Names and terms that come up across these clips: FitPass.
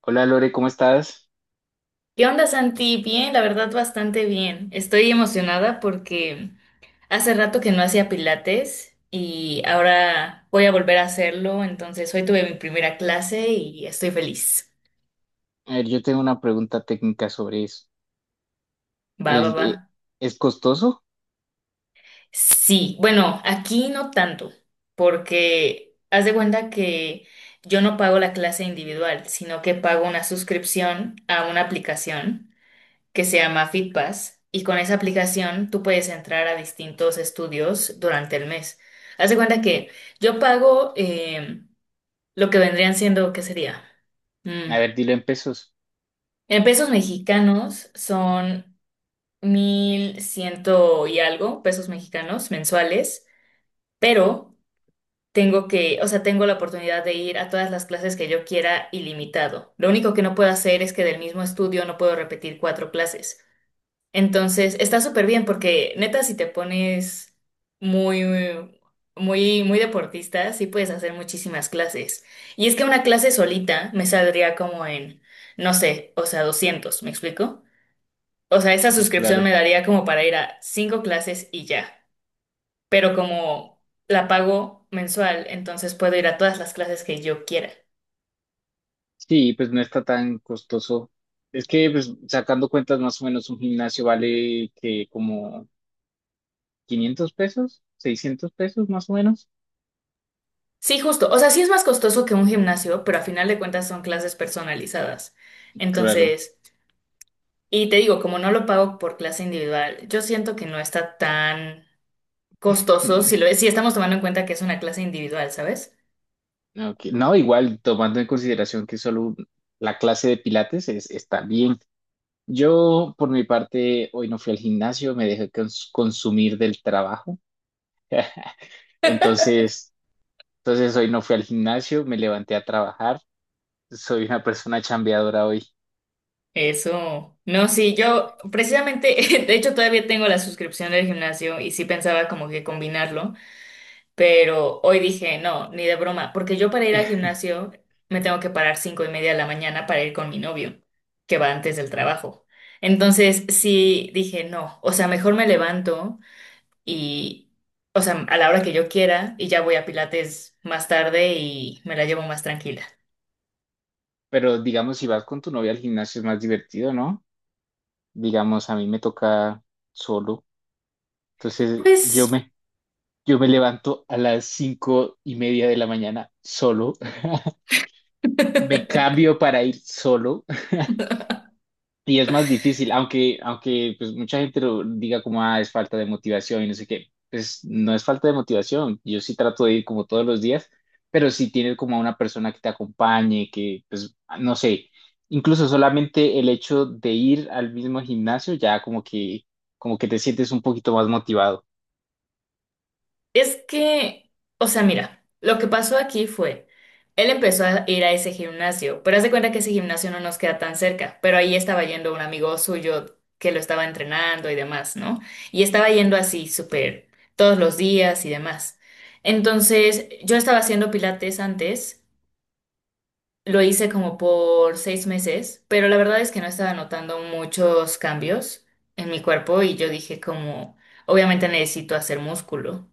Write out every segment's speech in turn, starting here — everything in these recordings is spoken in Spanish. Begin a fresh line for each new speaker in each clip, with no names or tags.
Hola Lore, ¿cómo estás?
¿Qué onda, Santi? Bien, la verdad, bastante bien. Estoy emocionada porque hace rato que no hacía pilates y ahora voy a volver a hacerlo. Entonces, hoy tuve mi primera clase y estoy feliz.
A ver, yo tengo una pregunta técnica sobre eso.
Va, va,
El,
va.
eh, ¿Es costoso?
Sí, bueno, aquí no tanto, porque haz de cuenta que yo no pago la clase individual, sino que pago una suscripción a una aplicación que se llama FitPass y con esa aplicación tú puedes entrar a distintos estudios durante el mes. Haz de cuenta que yo pago lo que vendrían siendo, ¿qué sería? Mm,
A ver, dilo en pesos.
En pesos mexicanos son 1100 y algo pesos mexicanos mensuales, pero tengo que, o sea, tengo la oportunidad de ir a todas las clases que yo quiera ilimitado. Lo único que no puedo hacer es que del mismo estudio no puedo repetir cuatro clases. Entonces, está súper bien porque neta, si te pones muy, muy, muy deportista, sí puedes hacer muchísimas clases. Y es que una clase solita me saldría como en, no sé, o sea, 200, ¿me explico? O sea, esa
Sí,
suscripción
claro.
me daría como para ir a cinco clases y ya. Pero como la pago mensual, entonces puedo ir a todas las clases que yo quiera.
Sí, pues no está tan costoso. Es que, pues, sacando cuentas, más o menos un gimnasio vale que como 500 pesos, 600 pesos, más o menos.
Sí, justo. O sea, sí es más costoso que un gimnasio, pero a final de cuentas son clases personalizadas.
Claro.
Entonces... Y te digo, como no lo pago por clase individual, yo siento que no está tan costoso
Mm,
si estamos tomando en cuenta que es una clase individual, ¿sabes?
ok. No, igual, tomando en consideración que la clase de pilates es, está bien. Yo, por mi parte, hoy no fui al gimnasio, me dejé consumir del trabajo. Entonces, entonces, hoy no fui al gimnasio, me levanté a trabajar. Soy una persona chambeadora hoy.
Eso. No, sí, yo precisamente, de hecho todavía tengo la suscripción del gimnasio y sí pensaba como que combinarlo, pero hoy dije, no, ni de broma, porque yo para ir al gimnasio me tengo que parar 5:30 de la mañana para ir con mi novio, que va antes del trabajo. Entonces, sí, dije, no, o sea, mejor me levanto y, o sea, a la hora que yo quiera y ya voy a Pilates más tarde y me la llevo más tranquila.
Pero digamos, si vas con tu novia al gimnasio es más divertido, ¿no? Digamos, a mí me toca solo. Entonces yo
Pues
me, yo me levanto a las 5:30 de la mañana solo. Me cambio para ir solo. Y es más difícil, aunque pues mucha gente lo diga como, ah, es falta de motivación y no sé qué. Pues no es falta de motivación. Yo sí trato de ir como todos los días, pero si tienes como a una persona que te acompañe, que pues no sé, incluso solamente el hecho de ir al mismo gimnasio ya como que te sientes un poquito más motivado.
es que, o sea, mira, lo que pasó aquí fue, él empezó a ir a ese gimnasio, pero haz de cuenta que ese gimnasio no nos queda tan cerca, pero ahí estaba yendo un amigo suyo que lo estaba entrenando y demás, ¿no? Y estaba yendo así, súper, todos los días y demás. Entonces, yo estaba haciendo pilates antes. Lo hice como por 6 meses, pero la verdad es que no estaba notando muchos cambios en mi cuerpo y yo dije como, obviamente necesito hacer músculo.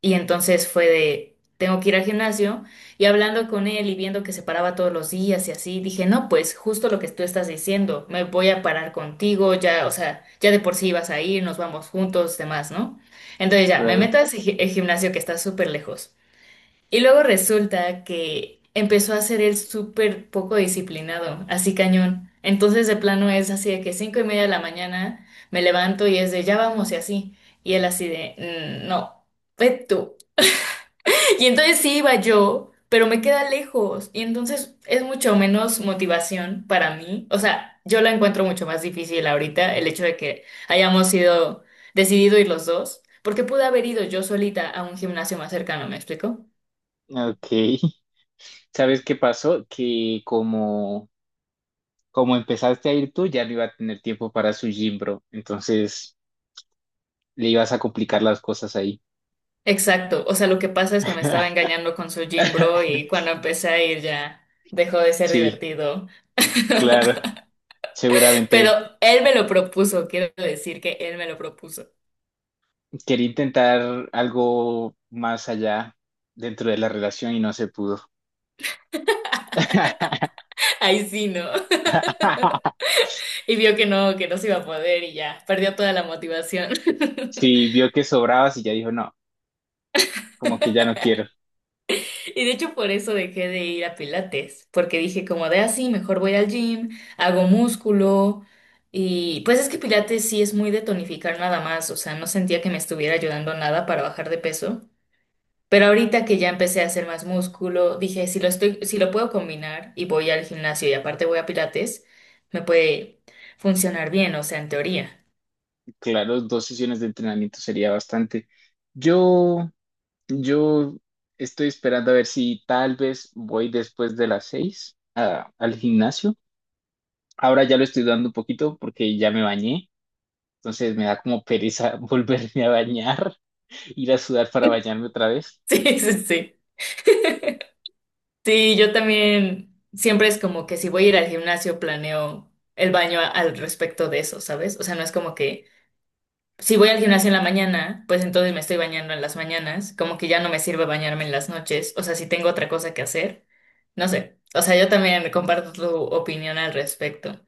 Y entonces fue de, tengo que ir al gimnasio y hablando con él y viendo que se paraba todos los días y así, dije, no, pues justo lo que tú estás diciendo, me voy a parar contigo, ya, o sea, ya de por sí vas a ir, nos vamos juntos, demás, ¿no? Entonces ya, me
Claro.
meto a el gimnasio que está súper lejos. Y luego resulta que empezó a ser él súper poco disciplinado, así cañón. Entonces de plano es así de que 5:30 de la mañana me levanto y es de ya vamos y así. Y él así de "Mm, no, ve tú". Y entonces sí iba yo, pero me queda lejos. Y entonces es mucho menos motivación para mí. O sea, yo la encuentro mucho más difícil ahorita, el hecho de que hayamos sido decidido ir los dos, porque pude haber ido yo solita a un gimnasio más cercano, ¿me explico?
Ok. ¿Sabes qué pasó? Que como, como empezaste a ir tú, ya no iba a tener tiempo para su gym, bro. Entonces... le ibas a complicar las cosas ahí.
Exacto, o sea, lo que pasa es que me estaba engañando con su gym bro y cuando empecé a ir ya dejó de ser
Sí,
divertido.
claro,
Pero
seguramente
él me lo propuso, quiero decir que él me lo propuso.
quería intentar algo más allá dentro de la relación y no se pudo.
Ahí sí, ¿no? Y vio que no se iba a poder y ya, perdió toda la motivación.
Sí, vio que sobrabas y ya dijo, no, como que ya no quiero.
Y de hecho por eso dejé de ir a Pilates, porque dije como de así, mejor voy al gym, hago músculo. Y pues es que Pilates sí es muy de tonificar nada más, o sea, no sentía que me estuviera ayudando nada para bajar de peso. Pero ahorita que ya empecé a hacer más músculo, dije, si lo estoy, si lo puedo combinar y voy al gimnasio y aparte voy a Pilates, me puede funcionar bien, o sea, en teoría.
Claro, dos sesiones de entrenamiento sería bastante. Yo, yo estoy esperando a ver si tal vez voy después de las 6 al gimnasio. Ahora ya lo estoy dando un poquito porque ya me bañé. Entonces me da como pereza volverme a bañar, ir a sudar para bañarme otra vez.
Sí, sí, sí. Sí, yo también siempre es como que si voy a ir al gimnasio planeo el baño al respecto de eso, ¿sabes? O sea, no es como que si voy al gimnasio en la mañana, pues entonces me estoy bañando en las mañanas, como que ya no me sirve bañarme en las noches, o sea, si tengo otra cosa que hacer, no sé. O sea, yo también comparto tu opinión al respecto.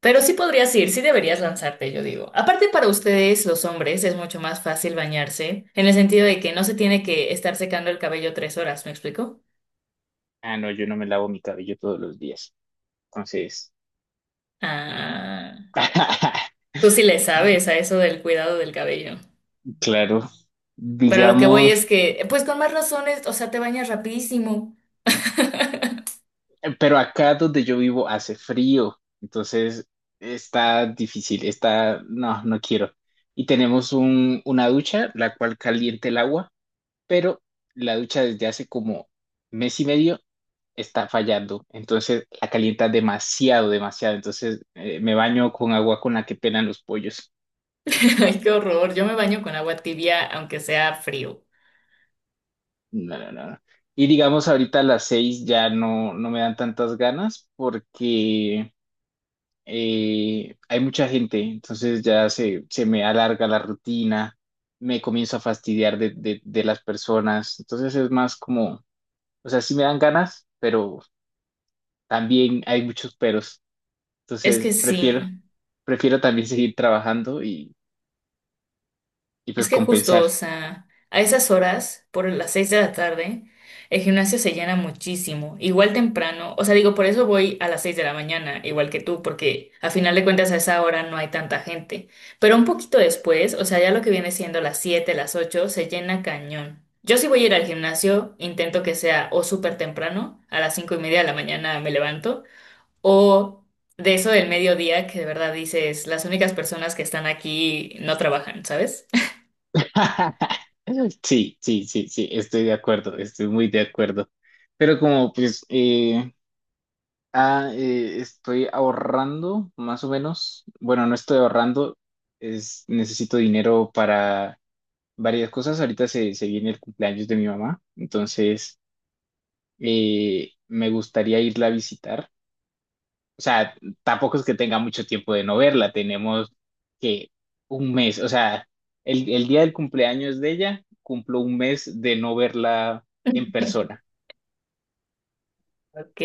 Pero sí podrías ir, sí deberías lanzarte, yo digo. Aparte para ustedes, los hombres, es mucho más fácil bañarse, en el sentido de que no se tiene que estar secando el cabello 3 horas, ¿me explico?
Ah, no, yo no me lavo mi cabello todos los días. Entonces,
Ah, tú sí le sabes a eso del cuidado del cabello.
claro,
Pero lo que voy
digamos,
es que, pues con más razones, o sea, te bañas rapidísimo.
pero acá donde yo vivo hace frío, entonces está difícil, está, no, no quiero. Y tenemos un, una ducha, la cual calienta el agua, pero la ducha desde hace como mes y medio está fallando. Entonces la calienta demasiado, demasiado. Entonces me baño con agua con la que pelan los pollos.
Ay, qué horror. Yo me baño con agua tibia, aunque sea frío.
No, no, no. No. Y digamos, ahorita a las 6 ya no me dan tantas ganas porque hay mucha gente. Entonces ya se me alarga la rutina, me comienzo a fastidiar de las personas. Entonces es más como, o sea, sí me dan ganas, pero también hay muchos peros.
Es
Entonces
que sí.
prefiero también seguir trabajando y pues
Es que justo,
compensar.
o sea, a esas horas, por las 6 de la tarde, el gimnasio se llena muchísimo. Igual temprano, o sea, digo, por eso voy a las 6 de la mañana, igual que tú, porque a final de cuentas a esa hora no hay tanta gente. Pero un poquito después, o sea, ya lo que viene siendo las siete, las ocho, se llena cañón. Yo si voy a ir al gimnasio, intento que sea o súper temprano, a las 5:30 de la mañana me levanto, o de eso del mediodía que de verdad dices, las únicas personas que están aquí no trabajan, ¿sabes?
Sí, sí, sí, sí, estoy de acuerdo, estoy muy de acuerdo. Pero como pues estoy ahorrando más o menos, bueno, no estoy ahorrando, es, necesito dinero para varias cosas. Ahorita se viene el cumpleaños de mi mamá, entonces me gustaría irla a visitar. O sea, tampoco es que tenga mucho tiempo de no verla, tenemos que un mes, o sea, el día del cumpleaños de ella, cumplo un mes de no verla en persona.
Ok,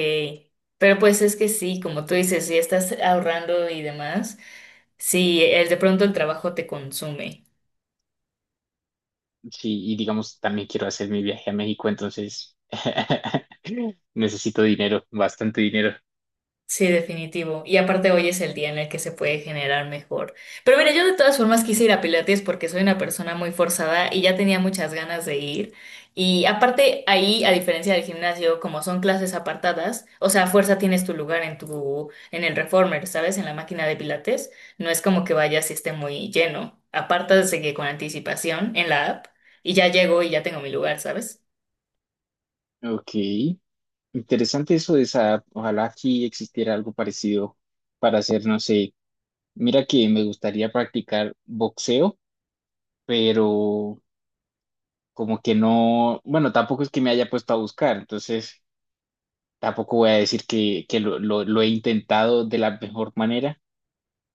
pero pues es que sí, como tú dices, si estás ahorrando y demás, si el de pronto el trabajo te consume.
Sí, y digamos, también quiero hacer mi viaje a México, entonces necesito dinero, bastante dinero.
Sí, definitivo. Y aparte hoy es el día en el que se puede generar mejor. Pero mira, yo de todas formas quise ir a Pilates porque soy una persona muy forzada y ya tenía muchas ganas de ir. Y aparte ahí, a diferencia del gimnasio, como son clases apartadas, o sea, a fuerza tienes tu lugar en tu, en el reformer, ¿sabes? En la máquina de Pilates. No es como que vayas y esté muy lleno. Apartas de que con anticipación en la app y ya llego y ya tengo mi lugar, ¿sabes?
Ok, interesante eso de esa, ojalá aquí existiera algo parecido para hacer, no sé, mira que me gustaría practicar boxeo, pero... como que no, bueno, tampoco es que me haya puesto a buscar, entonces tampoco voy a decir que, lo he intentado de la mejor manera,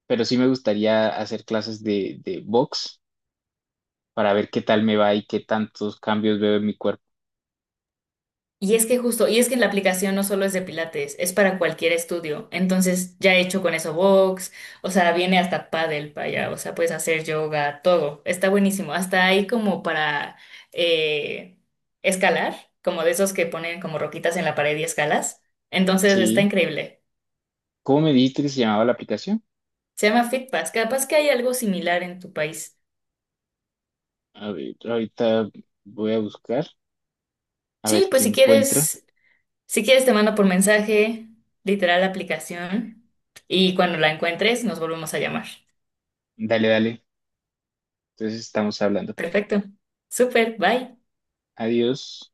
pero sí me gustaría hacer clases de box para ver qué tal me va y qué tantos cambios veo en mi cuerpo.
Y es que justo, y es que la aplicación no solo es de Pilates, es para cualquier estudio. Entonces, ya he hecho con eso box, o sea, viene hasta pádel para allá, o sea, puedes hacer yoga, todo. Está buenísimo. Hasta ahí como para eh, escalar, como de esos que ponen como roquitas en la pared y escalas. Entonces, está
Sí.
increíble.
¿Cómo me dijiste que se llamaba la aplicación?
Se llama FitPass. Capaz que hay algo similar en tu país.
A ver, ahorita voy a buscar, a
Sí,
ver
pues
qué
si
encuentro.
quieres, si quieres te mando por mensaje, literal la aplicación, y cuando la encuentres nos volvemos a llamar.
Dale, dale. Entonces estamos hablando.
Perfecto. Súper, bye.
Adiós.